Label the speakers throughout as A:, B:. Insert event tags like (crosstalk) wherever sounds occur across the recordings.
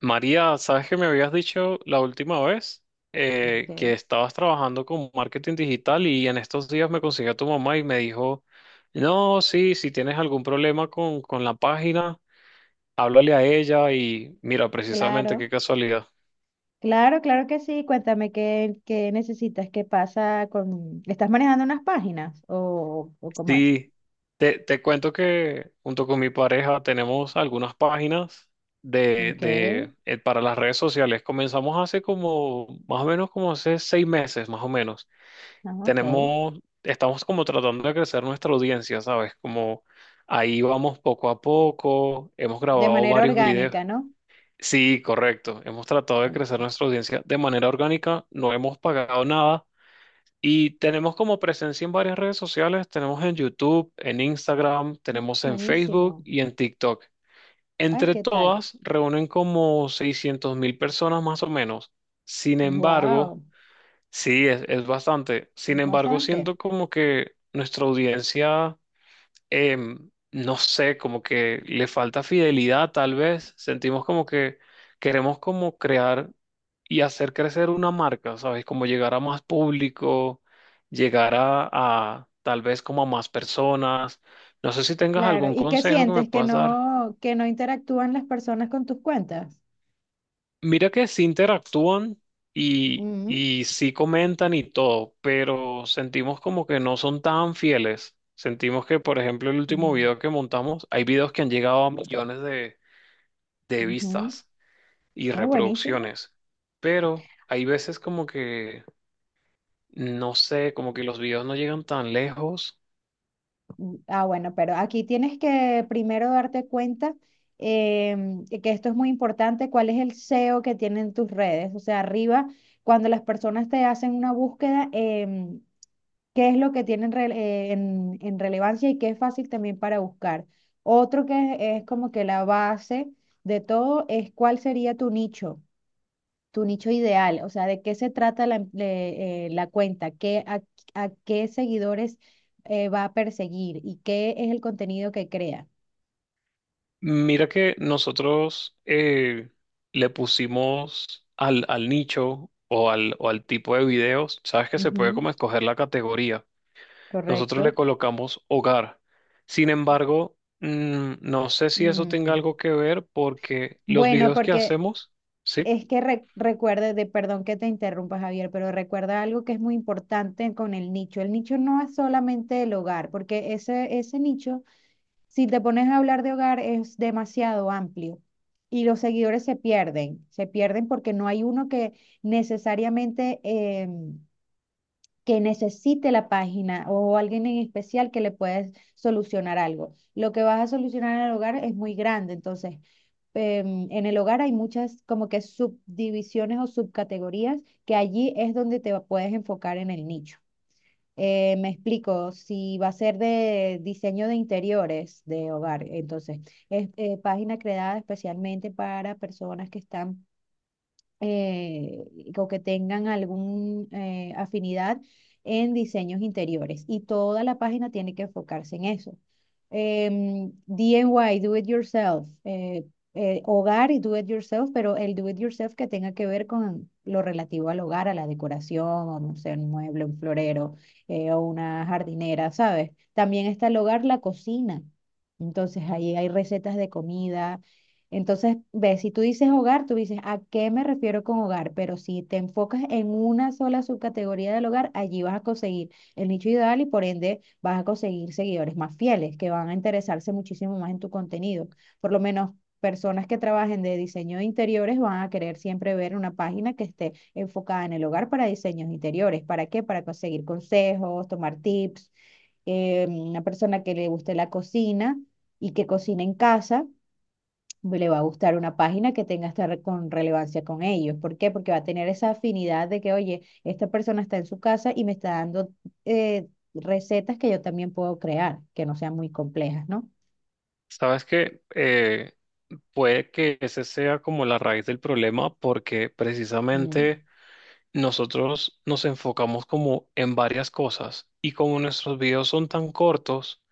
A: María, ¿sabes que me habías dicho la última vez que
B: Ok.
A: estabas trabajando con marketing digital y en estos días me consiguió tu mamá y me dijo, no, sí, si tienes algún problema con la página, háblale a ella y mira, precisamente qué
B: Claro,
A: casualidad.
B: claro, claro que sí. Cuéntame qué necesitas, qué pasa con... ¿Estás manejando unas páginas o cómo es?
A: Sí, te cuento que junto con mi pareja tenemos algunas páginas
B: Ok,
A: para las redes sociales. Comenzamos hace como, más o menos como hace 6 meses, más o menos.
B: ah, ok.
A: tenemos, estamos como tratando de crecer nuestra audiencia, ¿sabes? Como ahí vamos poco a poco, hemos
B: De
A: grabado
B: manera
A: varios videos.
B: orgánica, ¿no?
A: Sí, correcto, hemos tratado de crecer
B: Buenísimo.
A: nuestra audiencia de manera orgánica, no hemos pagado nada y tenemos como presencia en varias redes sociales, tenemos en YouTube, en Instagram, tenemos en Facebook
B: Buenísimo.
A: y en TikTok.
B: Ay,
A: Entre
B: ¿qué tal?
A: todas reúnen como 600.000 personas más o menos. Sin embargo,
B: Wow,
A: sí, es bastante. Sin embargo,
B: bastante.
A: siento como que nuestra audiencia, no sé, como que le falta fidelidad, tal vez. Sentimos como que queremos como crear y hacer crecer una marca, ¿sabes? Como llegar a más público, llegar a tal vez como a más personas. No sé si tengas
B: Claro.
A: algún
B: ¿Y qué
A: consejo que me
B: sientes? ¿Que
A: puedas dar.
B: no interactúan las personas con tus cuentas?
A: Mira que sí interactúan y,
B: Mm,
A: y sí comentan y todo, pero sentimos como que no son tan fieles. Sentimos que, por ejemplo, el último
B: mm,
A: video que montamos, hay videos que han llegado a millones de
B: ujú.
A: vistas y
B: Muy buenísimo.
A: reproducciones, pero hay veces como que, no sé, como que los videos no llegan tan lejos.
B: Mm, ah, bueno, pero aquí tienes que primero darte cuenta, que esto es muy importante, cuál es el SEO que tienen tus redes. O sea, arriba, cuando las personas te hacen una búsqueda, qué es lo que tienen en relevancia y qué es fácil también para buscar. Otro que es como que la base de todo es cuál sería tu nicho ideal, o sea, de qué se trata la cuenta, qué, a qué seguidores va a perseguir y qué es el contenido que crea.
A: Mira que nosotros le pusimos al nicho o al tipo de videos, sabes que se puede
B: Ujú,
A: como escoger la categoría. Nosotros le
B: correcto.
A: colocamos hogar. Sin embargo, no sé si eso tenga
B: Mm,
A: algo que ver porque los
B: bueno,
A: videos que
B: porque
A: hacemos, sí,
B: es que recuerde, de, perdón que te interrumpa, Javier, pero recuerda algo que es muy importante con el nicho. El nicho no es solamente el hogar, porque ese nicho. Si te pones a hablar de hogar es demasiado amplio y los seguidores se pierden porque no hay uno que necesariamente que necesite la página o alguien en especial que le puedas solucionar algo. Lo que vas a solucionar en el hogar es muy grande, entonces, en el hogar hay muchas como que subdivisiones o subcategorías que allí es donde te puedes enfocar en el nicho. Me explico, si va a ser de diseño de interiores de hogar, entonces es, página creada especialmente para personas que están eh, o que tengan alguna afinidad en diseños interiores. Y toda la página tiene que enfocarse en eso. DIY, do it yourself, hogar y do it yourself, pero el do it yourself que tenga que ver con lo relativo al hogar, a la decoración, o no sé, un mueble, un florero, o una jardinera, ¿sabes? También está el hogar, la cocina. Entonces ahí hay recetas de comida, entonces, ves, si tú dices hogar, tú dices, ¿a qué me refiero con hogar? Pero si te enfocas en una sola subcategoría del hogar, allí vas a conseguir el nicho ideal y por ende vas a conseguir seguidores más fieles que van a interesarse muchísimo más en tu contenido. Por lo menos personas que trabajen de diseño de interiores van a querer siempre ver una página que esté enfocada en el hogar para diseños interiores. ¿Para qué? Para conseguir consejos, tomar tips, una persona que le guste la cocina y que cocine en casa le va a gustar una página que tenga esta con relevancia con ellos. ¿Por qué? Porque va a tener esa afinidad de que, oye, esta persona está en su casa y me está dando, recetas que yo también puedo crear, que no sean muy complejas, ¿no?
A: sabes que puede que ese sea como la raíz del problema porque
B: Mm.
A: precisamente. Nosotros nos enfocamos como en varias cosas y como nuestros videos son tan cortos,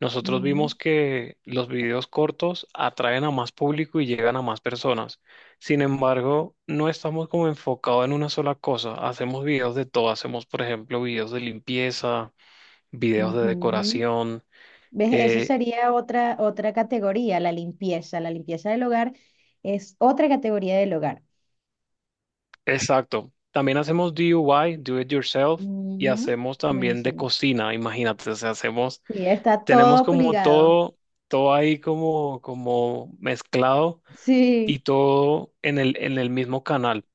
A: nosotros vimos
B: Mm,
A: que los videos cortos atraen a más público y llegan a más personas. Sin embargo, no estamos como enfocados en una sola cosa. Hacemos videos de todo. Hacemos, por ejemplo, videos de limpieza, videos de
B: ujú.
A: decoración.
B: ¿Ves? Eso
A: eh,
B: sería otra categoría, la limpieza. La limpieza del hogar es otra categoría del hogar.
A: exacto. También hacemos DIY, do it yourself, y
B: Ujú,
A: hacemos también de
B: buenísimo.
A: cocina. Imagínate, o sea, hacemos
B: Sí, está
A: tenemos
B: todo
A: como
B: ligado.
A: todo, todo ahí como mezclado
B: Sí,
A: y todo en el mismo canal.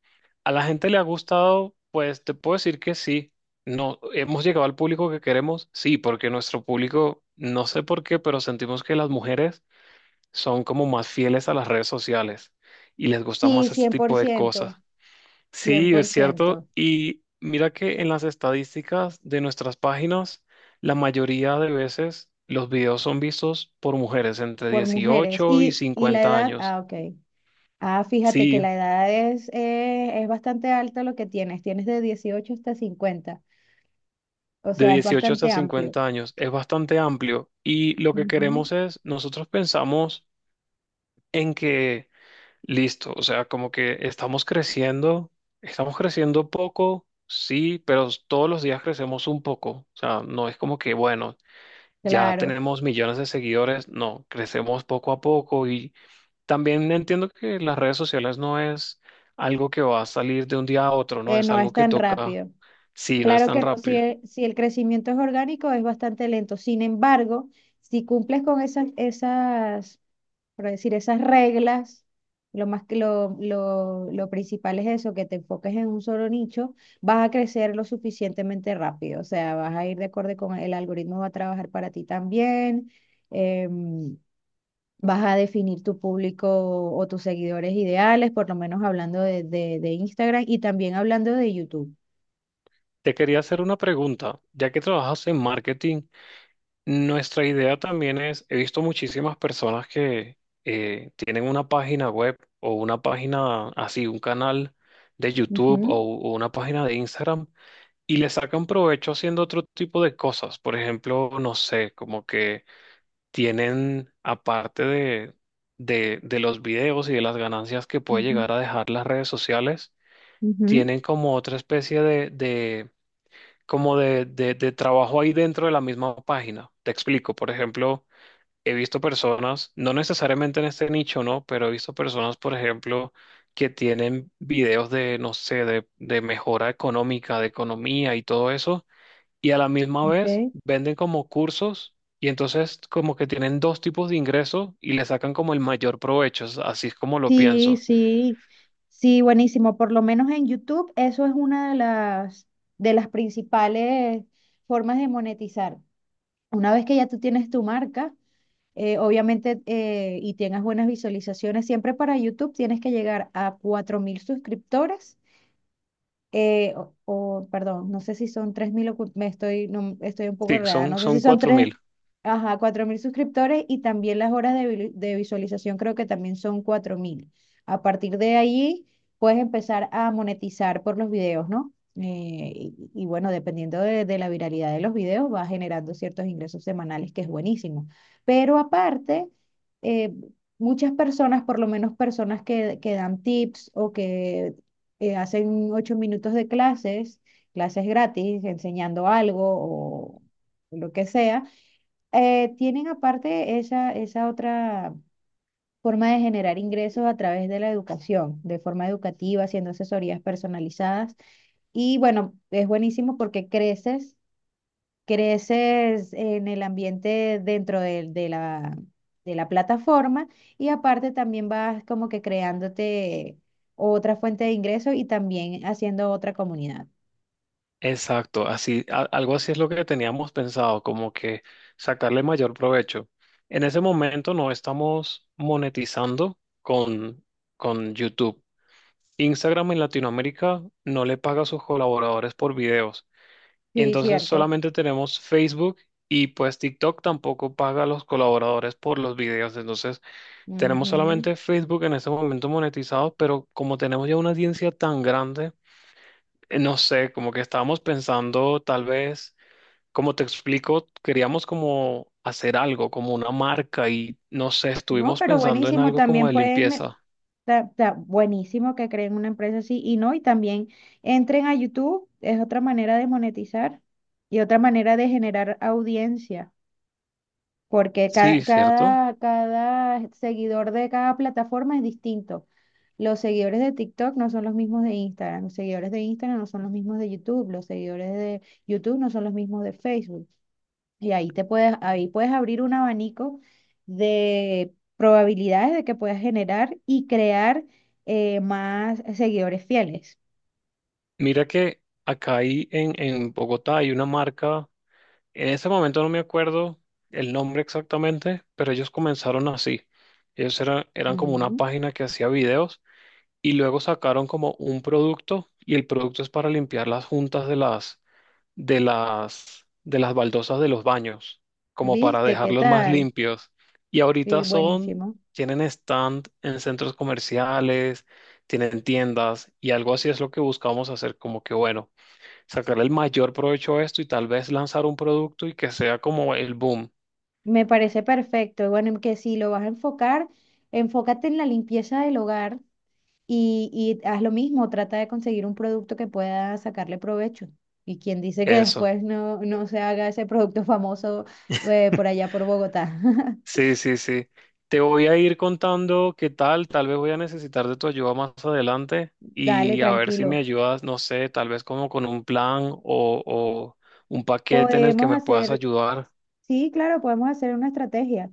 A: ¿A la gente le ha gustado? Pues te puedo decir que sí. No, hemos llegado al público que queremos, sí, porque nuestro público, no sé por qué, pero sentimos que las mujeres son como más fieles a las redes sociales y les gusta
B: sí, cien
A: más este
B: cien por
A: tipo de cosas.
B: ciento, cien
A: Sí,
B: por
A: es cierto.
B: ciento
A: Y mira que en las estadísticas de nuestras páginas, la mayoría de veces los videos son vistos por mujeres entre
B: por mujeres.
A: 18 y
B: Y la
A: 50
B: edad?
A: años.
B: Ah, ok. Ah, fíjate que
A: Sí,
B: la edad es bastante alta lo que tienes. Tienes de 18 hasta 50. O
A: de
B: sea, es
A: dieciocho hasta
B: bastante amplio.
A: 50 años. Es bastante amplio. Y lo que
B: Ujú,
A: queremos es, nosotros pensamos en que, listo, o sea, como que estamos creciendo poco. Sí, pero todos los días crecemos un poco. O sea, no es como que, bueno, ya
B: claro,
A: tenemos millones de seguidores, no, crecemos poco a poco y también entiendo que las redes sociales no es algo que va a salir de un día a otro, no es
B: no
A: algo
B: es
A: que
B: tan
A: toca,
B: rápido.
A: sí, no es
B: Claro
A: tan
B: que no, si
A: rápido.
B: el, si el crecimiento es orgánico, es bastante lento. Sin embargo, si cumples con esas por decir, esas reglas, lo más que lo principal es eso, que te enfoques en un solo nicho, vas a crecer lo suficientemente rápido, o sea, vas a ir de acuerdo con el algoritmo, va a trabajar para ti también, em, vas a definir tu público o tus seguidores ideales, por lo menos hablando de Instagram y también hablando de YouTube.
A: Te quería hacer una pregunta, ya que trabajas en marketing, nuestra idea también es, he visto muchísimas personas que tienen una página web o una página así, un canal de YouTube
B: Ujú,
A: o una página de Instagram y le sacan provecho haciendo otro tipo de cosas. Por ejemplo, no sé, como que tienen, aparte de los videos y de las ganancias que puede
B: ujú,
A: llegar a dejar las redes sociales,
B: ujú,
A: tienen como otra especie de como de trabajo ahí dentro de la misma página. Te explico, por ejemplo, he visto personas, no necesariamente en este nicho, ¿no? Pero he visto personas, por ejemplo, que tienen videos de, no sé, de mejora económica, de economía y todo eso y a la misma vez
B: ok.
A: venden como cursos y entonces como que tienen dos tipos de ingresos y le sacan como el mayor provecho, así es como lo
B: Sí,
A: pienso.
B: sí, sí, buenísimo. Por lo menos en YouTube, eso es una de las principales formas de monetizar. Una vez que ya tú tienes tu marca, obviamente, y tengas buenas visualizaciones, siempre para YouTube tienes que llegar a 4.000 suscriptores, perdón, no sé si son 3.000, me estoy, no, estoy un poco
A: Sí,
B: enredada,
A: son,
B: no sé si
A: son
B: son
A: cuatro
B: tres,
A: mil
B: ajá, 4.000 suscriptores y también las horas de, de visualización creo que también son 4.000. A partir de ahí puedes empezar a monetizar por los videos, ¿no? Bueno, dependiendo de la viralidad de los videos, va generando ciertos ingresos semanales, que es buenísimo. Pero aparte, eh, muchas personas, por lo menos personas que dan tips o que hacen 8 minutos de clases, clases gratis, enseñando algo o lo que sea. Tienen aparte esa otra forma de generar ingresos a través de la educación, de forma educativa, haciendo asesorías personalizadas. Y bueno, es buenísimo porque creces en el ambiente dentro de la plataforma y aparte también vas como que creándote otra fuente de ingreso y también haciendo otra comunidad.
A: Exacto, así, algo así es lo que teníamos pensado, como que sacarle mayor provecho. En ese momento no estamos monetizando con YouTube. Instagram en Latinoamérica no le paga a sus colaboradores por videos.
B: Sí,
A: Entonces
B: cierto.
A: solamente tenemos Facebook y pues TikTok tampoco paga a los colaboradores por los videos. Entonces tenemos
B: Ujú.
A: solamente Facebook en este momento monetizado, pero como tenemos ya una audiencia tan grande, no sé, como que estábamos pensando tal vez, como te explico, queríamos como hacer algo, como una marca y no sé,
B: No,
A: estuvimos
B: pero
A: pensando en
B: buenísimo,
A: algo como
B: también
A: de
B: pueden,
A: limpieza.
B: buenísimo que creen una empresa así y no, y también entren a YouTube, es otra manera de monetizar y otra manera de generar audiencia. Porque ca-
A: Sí, ¿cierto?
B: cada, cada, seguidor de cada plataforma es distinto. Los seguidores de TikTok no son los mismos de Instagram, los seguidores de Instagram no son los mismos de YouTube, los seguidores de YouTube no son los mismos de Facebook. Y ahí te puedes, ahí puedes abrir un abanico de probabilidades de que puedas generar y crear, más seguidores fieles.
A: Mira que acá hay en Bogotá hay una marca. En ese momento no me acuerdo el nombre exactamente, pero ellos comenzaron así. Eran como una
B: Ujú.
A: página que hacía videos y luego sacaron como un producto y el producto es para limpiar las juntas de las baldosas de los baños, como para
B: ¿Viste? ¿Qué
A: dejarlos más
B: tal?
A: limpios. Y ahorita
B: Buenísimo.
A: tienen stand en centros comerciales, tienen tiendas y algo así es lo que buscamos hacer, como que bueno sacar el mayor provecho a esto y tal vez lanzar un producto y que sea como el boom.
B: Me parece perfecto. Y bueno, que si lo vas a enfocar, enfócate en la limpieza del hogar y haz lo mismo, trata de conseguir un producto que pueda sacarle provecho. Y quien dice que
A: Eso.
B: después no, no se haga ese producto famoso, por allá por Bogotá. (laughs)
A: Sí, sí, sí. Te voy a ir contando qué tal, tal vez voy a necesitar de tu ayuda más adelante
B: Dale,
A: y a ver si me
B: tranquilo.
A: ayudas, no sé, tal vez como con un plan o un paquete en el que
B: Podemos
A: me puedas
B: hacer,
A: ayudar.
B: sí, claro, podemos hacer una estrategia.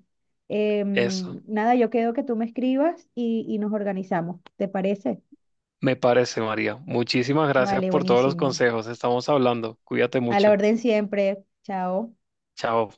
A: Eso.
B: Nada, yo quedo que tú me escribas y nos organizamos. ¿Te parece?
A: Me parece, María. Muchísimas gracias
B: Vale,
A: por todos los
B: buenísimo.
A: consejos. Estamos hablando. Cuídate
B: A la
A: mucho.
B: orden siempre. Chao.
A: Chao.